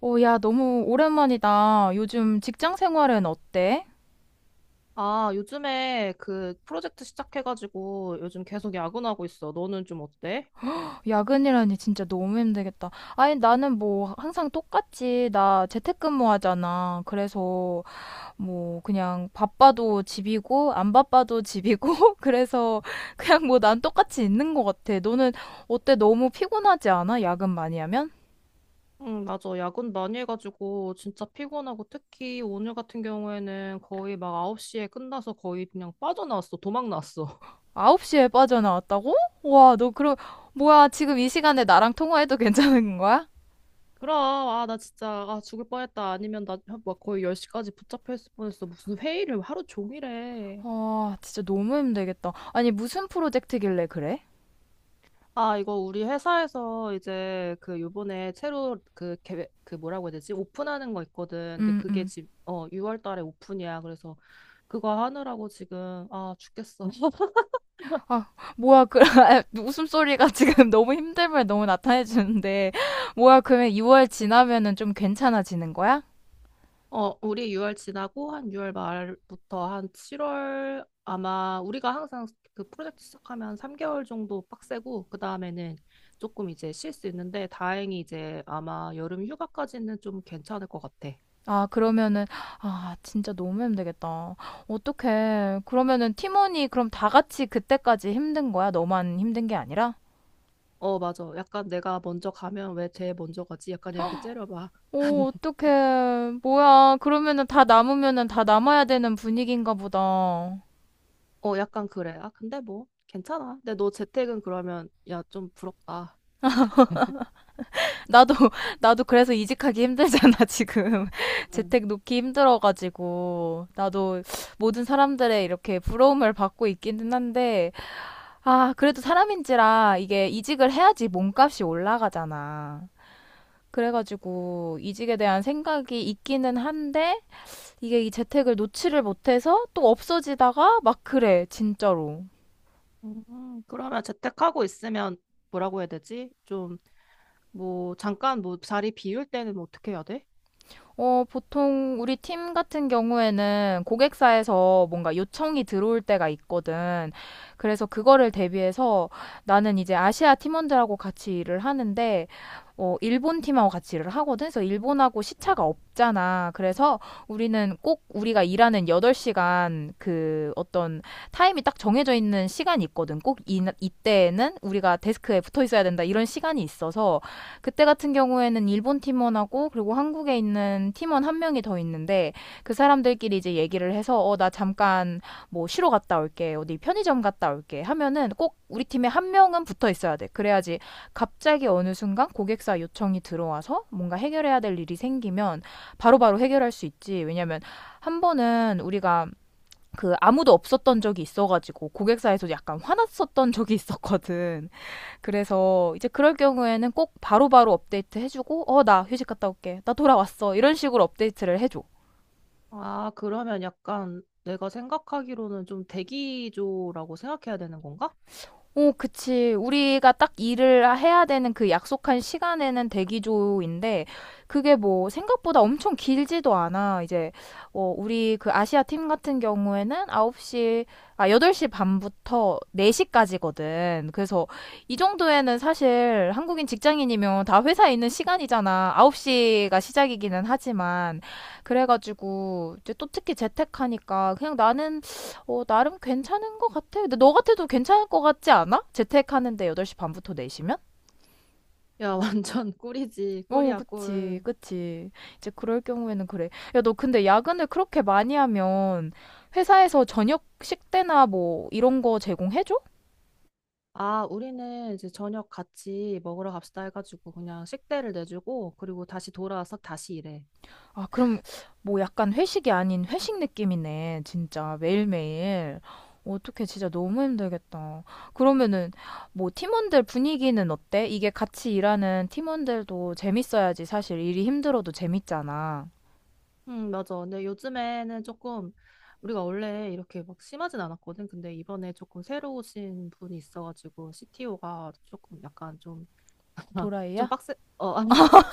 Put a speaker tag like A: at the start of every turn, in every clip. A: 어, 야, 너무 오랜만이다. 요즘 직장 생활은 어때?
B: 아, 요즘에 그 프로젝트 시작해가지고 요즘 계속 야근하고 있어. 너는 좀 어때?
A: 야근이라니 진짜 너무 힘들겠다. 아니, 나는 뭐 항상 똑같지. 나 재택근무 하잖아. 그래서 뭐 그냥 바빠도 집이고, 안 바빠도 집이고, 그래서 그냥 뭐 난 똑같이 있는 것 같아. 너는 어때? 너무 피곤하지 않아? 야근 많이 하면?
B: 응, 맞아. 야근 많이 해가지고 진짜 피곤하고 특히 오늘 같은 경우에는 거의 막 9시에 끝나서 거의 그냥 빠져나왔어. 도망 나왔어.
A: 9시에 빠져나왔다고? 와, 너 그럼, 뭐야, 지금 이 시간에 나랑 통화해도 괜찮은 거야?
B: 그럼, 아, 나 진짜, 아, 죽을 뻔했다. 아니면 나 막 거의 10시까지 붙잡혀 있을 뻔했어. 무슨 회의를 하루 종일 해.
A: 아, 진짜 너무 힘들겠다. 아니, 무슨 프로젝트길래 그래?
B: 아, 이거 우리 회사에서 이제 그 요번에 새로 그 계획, 그 뭐라고 해야 되지? 오픈하는 거 있거든. 근데
A: 음,
B: 그게
A: 음.
B: 지금, 어, 6월 달에 오픈이야. 그래서 그거 하느라고 지금, 아, 죽겠어.
A: 아, 뭐야, 웃음소리가 지금 너무 힘듦을 너무 나타내주는데, 뭐야, 그러면 2월 지나면은 좀 괜찮아지는 거야?
B: 어, 우리 6월 지나고 한 6월 말부터 한 7월 아마 우리가 항상 그 프로젝트 시작하면 3개월 정도 빡세고, 그 다음에는 조금 이제 쉴 수 있는데, 다행히 이제 아마 여름 휴가까지는 좀 괜찮을 것 같아.
A: 아, 그러면은, 아, 진짜 너무 힘들겠다. 어떡해. 그러면은 팀원이 그럼 다 같이 그때까지 힘든 거야? 너만 힘든 게 아니라?
B: 어, 맞아. 약간 내가 먼저 가면 왜 쟤 먼저 가지? 약간 이렇게 째려봐.
A: 오, 어떡해. 뭐야. 그러면은 다 남으면은 다 남아야 되는 분위기인가 보다.
B: 어, 약간 그래. 아, 근데 뭐, 괜찮아. 근데 너 재택은 그러면, 야, 좀 부럽다.
A: 나도, 나도 그래서 이직하기 힘들잖아, 지금.
B: 응.
A: 재택 놓기 힘들어가지고. 나도 모든 사람들의 이렇게 부러움을 받고 있기는 한데, 아, 그래도 사람인지라 이게 이직을 해야지 몸값이 올라가잖아. 그래가지고 이직에 대한 생각이 있기는 한데, 이게 이 재택을 놓지를 못해서 또 없어지다가 막 그래, 진짜로.
B: 그러면 재택하고 있으면 뭐라고 해야 되지? 좀, 뭐, 잠깐 뭐 자리 비울 때는 뭐 어떻게 해야 돼?
A: 보통 우리 팀 같은 경우에는 고객사에서 뭔가 요청이 들어올 때가 있거든. 그래서 그거를 대비해서 나는 이제 아시아 팀원들하고 같이 일을 하는데, 일본 팀하고 같이 일을 하거든. 그래서 일본하고 시차가 없잖아. 그래서 우리는 꼭 우리가 일하는 8시간 그 어떤 타임이 딱 정해져 있는 시간이 있거든. 꼭 이때에는 우리가 데스크에 붙어 있어야 된다. 이런 시간이 있어서 그때 같은 경우에는 일본 팀원하고 그리고 한국에 있는 팀원 한 명이 더 있는데 그 사람들끼리 이제 얘기를 해서 나 잠깐 뭐 쉬러 갔다 올게. 어디 편의점 갔다 올게. 하면은 꼭 우리 팀에 한 명은 붙어 있어야 돼. 그래야지 갑자기 어느 순간 고객사 요청이 들어와서 뭔가 해결해야 될 일이 생기면 바로바로 해결할 수 있지. 왜냐면 한 번은 우리가 아무도 없었던 적이 있어가지고 고객사에서 약간 화났었던 적이 있었거든. 그래서 이제 그럴 경우에는 꼭 바로바로 바로 업데이트 해주고, 나 휴식 갔다 올게. 나 돌아왔어. 이런 식으로 업데이트를 해줘.
B: 아, 그러면 약간 내가 생각하기로는 좀 대기조라고 생각해야 되는 건가?
A: 오, 그치. 우리가 딱 일을 해야 되는 그 약속한 시간에는 대기조인데, 그게 뭐 생각보다 엄청 길지도 않아. 이제, 우리 그 아시아 팀 같은 경우에는 9시, 아, 8시 반부터 4시까지거든. 그래서 이 정도에는 사실 한국인 직장인이면 다 회사에 있는 시간이잖아. 9시가 시작이기는 하지만. 그래가지고, 이제 또 특히 재택하니까 그냥 나는 나름 괜찮은 것 같아. 근데 너 같아도 괜찮을 것 같지 않아? 재택하는데 8시 반부터 4시면?
B: 야, 완전 꿀이지.
A: 어,
B: 꿀이야,
A: 그치,
B: 꿀.
A: 그치. 이제 그럴 경우에는 그래. 야, 너 근데 야근을 그렇게 많이 하면 회사에서 저녁 식대나 뭐 이런 거 제공해줘?
B: 아, 우리는 이제 저녁 같이 먹으러 갑시다 해가지고 그냥 식대를 내주고 그리고 다시 돌아와서 다시 일해.
A: 아, 그럼 뭐 약간 회식이 아닌 회식 느낌이네. 진짜 매일매일. 어떻게 진짜 너무 힘들겠다. 그러면은 뭐 팀원들 분위기는 어때? 이게 같이 일하는 팀원들도 재밌어야지 사실 일이 힘들어도 재밌잖아.
B: 맞아. 근데 요즘에는 조금 우리가 원래 이렇게 막 심하진 않았거든. 근데 이번에 조금 새로 오신 분이 있어가지고 CTO가 조금 약간 좀, 좀
A: 도라이야?
B: 빡세, 어, 아니,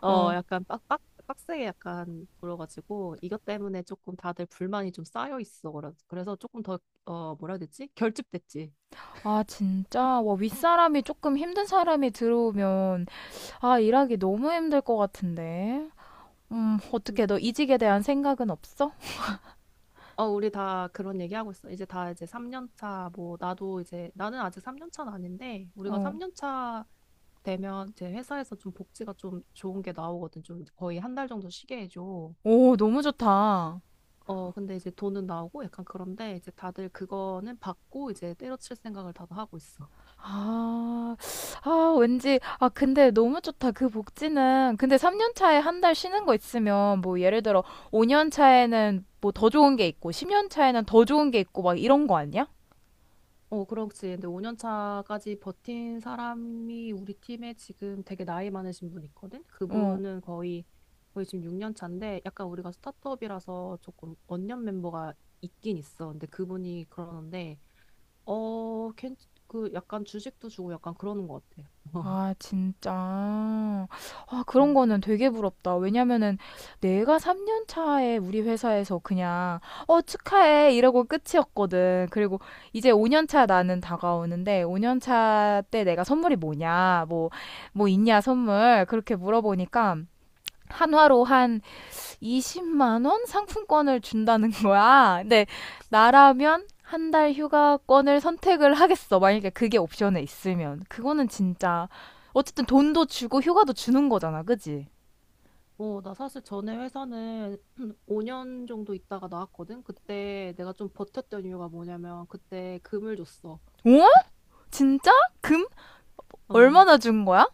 B: 어,
A: 어.
B: 약간 빡세게 약간 불어가지고 이것 때문에 조금 다들 불만이 좀 쌓여 있어. 그래서 조금 더, 어, 뭐라 해야 되지? 결집됐지.
A: 아, 진짜? 와, 윗사람이 조금 힘든 사람이 들어오면 일하기 너무 힘들 것 같은데. 어떻게 너 이직에 대한 생각은 없어?
B: 어, 우리 다 그런 얘기하고 있어. 이제 다 이제 3년 차, 뭐, 나도 이제, 나는 아직 3년 차는 아닌데, 우리가
A: 어.
B: 3년 차 되면 이제 회사에서 좀 복지가 좀 좋은 게 나오거든. 좀 거의 한 달 정도 쉬게 해줘.
A: 오, 너무 좋다.
B: 어, 근데 이제 돈은 나오고 약간 그런데 이제 다들 그거는 받고 이제 때려칠 생각을 다들 하고 있어.
A: 아. 아 왠지 근데 너무 좋다. 그 복지는 근데 3년 차에 한 달 쉬는 거 있으면 뭐 예를 들어 5년 차에는 뭐 더 좋은 게 있고 10년 차에는 더 좋은 게 있고 막 이런 거 아니야?
B: 어, 그렇지. 근데 5년 차까지 버틴 사람이 우리 팀에 지금 되게 나이 많으신 분 있거든?
A: 어.
B: 그분은 거의 지금 6년 차인데 약간 우리가 스타트업이라서 조금 언년 멤버가 있긴 있어. 근데 그분이 그러는데, 어, 괜, 그 약간 주식도 주고 약간 그러는 것 같아.
A: 아, 진짜. 아, 그런
B: 음.
A: 거는 되게 부럽다. 왜냐면은 내가 3년 차에 우리 회사에서 그냥, 축하해. 이러고 끝이었거든. 그리고 이제 5년 차 나는 다가오는데, 5년 차 때 내가 선물이 뭐냐, 뭐 있냐, 선물. 그렇게 물어보니까, 한화로 한 20만 원 상품권을 준다는 거야. 근데 나라면 한 달 휴가권을 선택을 하겠어. 만약에 그게 옵션에 있으면. 그거는 진짜 어쨌든 돈도 주고 휴가도 주는 거잖아. 그지?
B: 어, 나 사실 전에 회사는 5년 정도 있다가 나왔거든? 그때 내가 좀 버텼던 이유가 뭐냐면 그때 금을 줬어.
A: 어? 진짜? 금?
B: 어.
A: 얼마나 준 거야?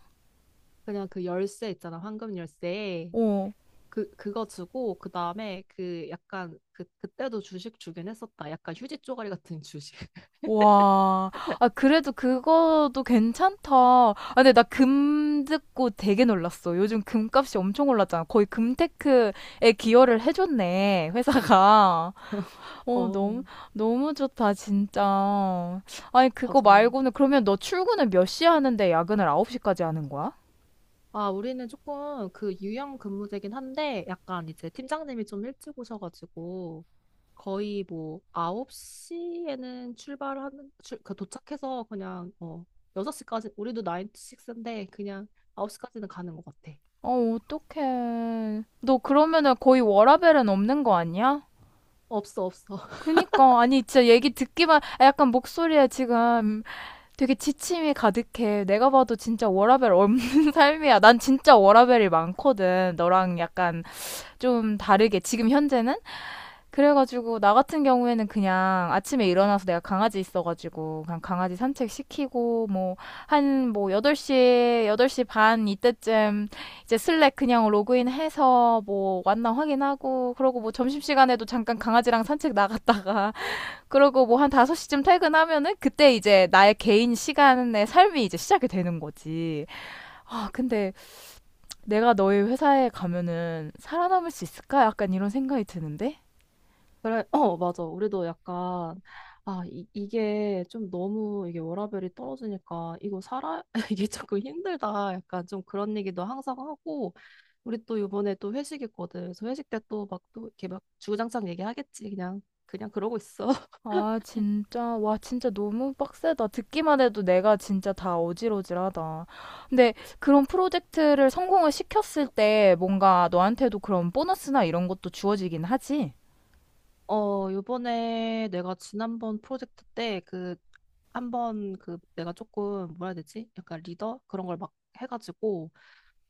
B: 그냥 그 열쇠 있잖아, 황금 열쇠.
A: 어.
B: 그거 주고, 그 다음에 그 약간 그, 그때도 주식 주긴 했었다. 약간 휴지 쪼가리 같은 주식.
A: 와. 아 그래도 그거도 괜찮다. 근데 나 금 듣고 되게 놀랐어. 요즘 금값이 엄청 올랐잖아. 거의 금테크에 기여를 해줬네. 회사가.
B: 어,
A: 너무, 너무 좋다, 진짜. 아니, 그거
B: 맞아.
A: 말고는, 그러면 너 출근을 몇 시에 하는데 야근을 9시까지 하는 거야?
B: 아, 우리는 조금 그 유형 근무제긴 한데, 약간 이제 팀장님이 좀 일찍 오셔가지고, 거의 뭐 9시에는 출발하는, 그 도착해서 그냥, 어, 6시까지, 우리도 9 to 6인데, 그냥 9시까지는 가는 것 같아.
A: 어, 어떡해. 너 그러면은 거의 워라밸은 없는 거 아니야?
B: 없어, 없어.
A: 그니까, 아니, 진짜 얘기 듣기만, 약간 목소리에 지금 되게 지침이 가득해. 내가 봐도 진짜 워라밸 없는 삶이야. 난 진짜 워라밸이 많거든. 너랑 약간 좀 다르게, 지금 현재는? 그래가지고 나 같은 경우에는 그냥 아침에 일어나서 내가 강아지 있어가지고 그냥 강아지 산책 시키고 뭐 한 뭐 8시, 8시 반 이때쯤 이제 슬랙 그냥 로그인 해서 뭐 왔나 확인하고 그러고 뭐 점심시간에도 잠깐 강아지랑 산책 나갔다가 그러고 뭐 한 5시쯤 퇴근하면은 그때 이제 나의 개인 시간의 삶이 이제 시작이 되는 거지. 아, 근데 내가 너희 회사에 가면은 살아남을 수 있을까? 약간 이런 생각이 드는데.
B: 그래, 어, 맞아. 우리도 약간, 아, 이게 좀 너무 이게 워라밸이 떨어지니까 이거 살아, 이게 조금 힘들다. 약간 좀 그런 얘기도 항상 하고, 우리 또 이번에 또 회식 있거든. 그래서 회식 때 또 막 또 이렇게 막 주구장창 얘기하겠지. 그냥 그러고 있어.
A: 아, 진짜. 와, 진짜 너무 빡세다. 듣기만 해도 내가 진짜 다 어질어질하다. 근데 그런 프로젝트를 성공을 시켰을 때 뭔가 너한테도 그런 보너스나 이런 것도 주어지긴 하지?
B: 어, 요번에 내가 지난번 프로젝트 때 그, 한번 그 내가 조금 뭐라 해야 되지? 약간 리더? 그런 걸 막 해가지고,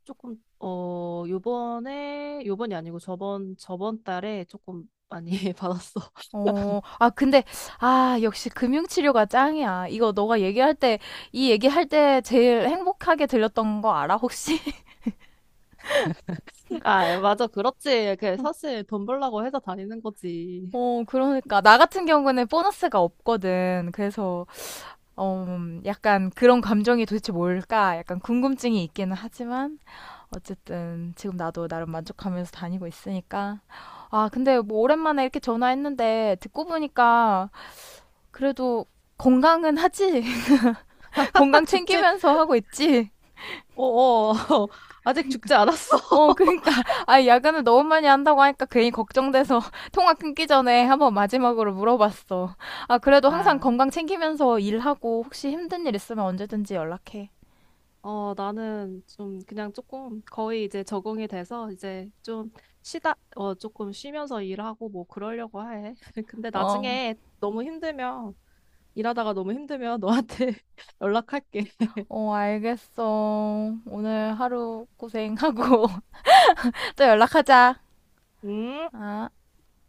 B: 조금 어 요번에 요번이 아니고 저번 달에 조금 많이 받았어.
A: 어, 근데, 아, 역시 금융치료가 짱이야. 이거 너가 얘기할 때, 이 얘기할 때 제일 행복하게 들렸던 거 알아, 혹시?
B: 아, 맞아. 그렇지. 그 사실 돈 벌라고 회사 다니는 거지.
A: 어, 그러니까. 나 같은 경우는 보너스가 없거든. 그래서 약간 그런 감정이 도대체 뭘까? 약간 궁금증이 있기는 하지만 어쨌든 지금 나도 나름 만족하면서 다니고 있으니까 아, 근데 뭐 오랜만에 이렇게 전화했는데 듣고 보니까 그래도 건강은 하지. 건강
B: 죽지.
A: 챙기면서 하고 있지.
B: 어어. 아직 죽지 않았어.
A: 어, 그러니까 야근을 너무 많이 한다고 하니까 괜히 걱정돼서 통화 끊기 전에 한번 마지막으로 물어봤어. 아, 그래도 항상
B: 아,
A: 건강 챙기면서 일하고 혹시 힘든 일 있으면 언제든지 연락해.
B: 어, 나는 좀 그냥 조금 거의 이제 적응이 돼서 이제 좀 쉬다, 어, 조금 쉬면서 일하고 뭐 그러려고 해. 근데
A: 어.
B: 나중에 너무 힘들면, 일하다가 너무 힘들면 너한테 연락할게.
A: 어, 알겠어. 오늘 하루 고생하고 또 연락하자.
B: 음.
A: 아.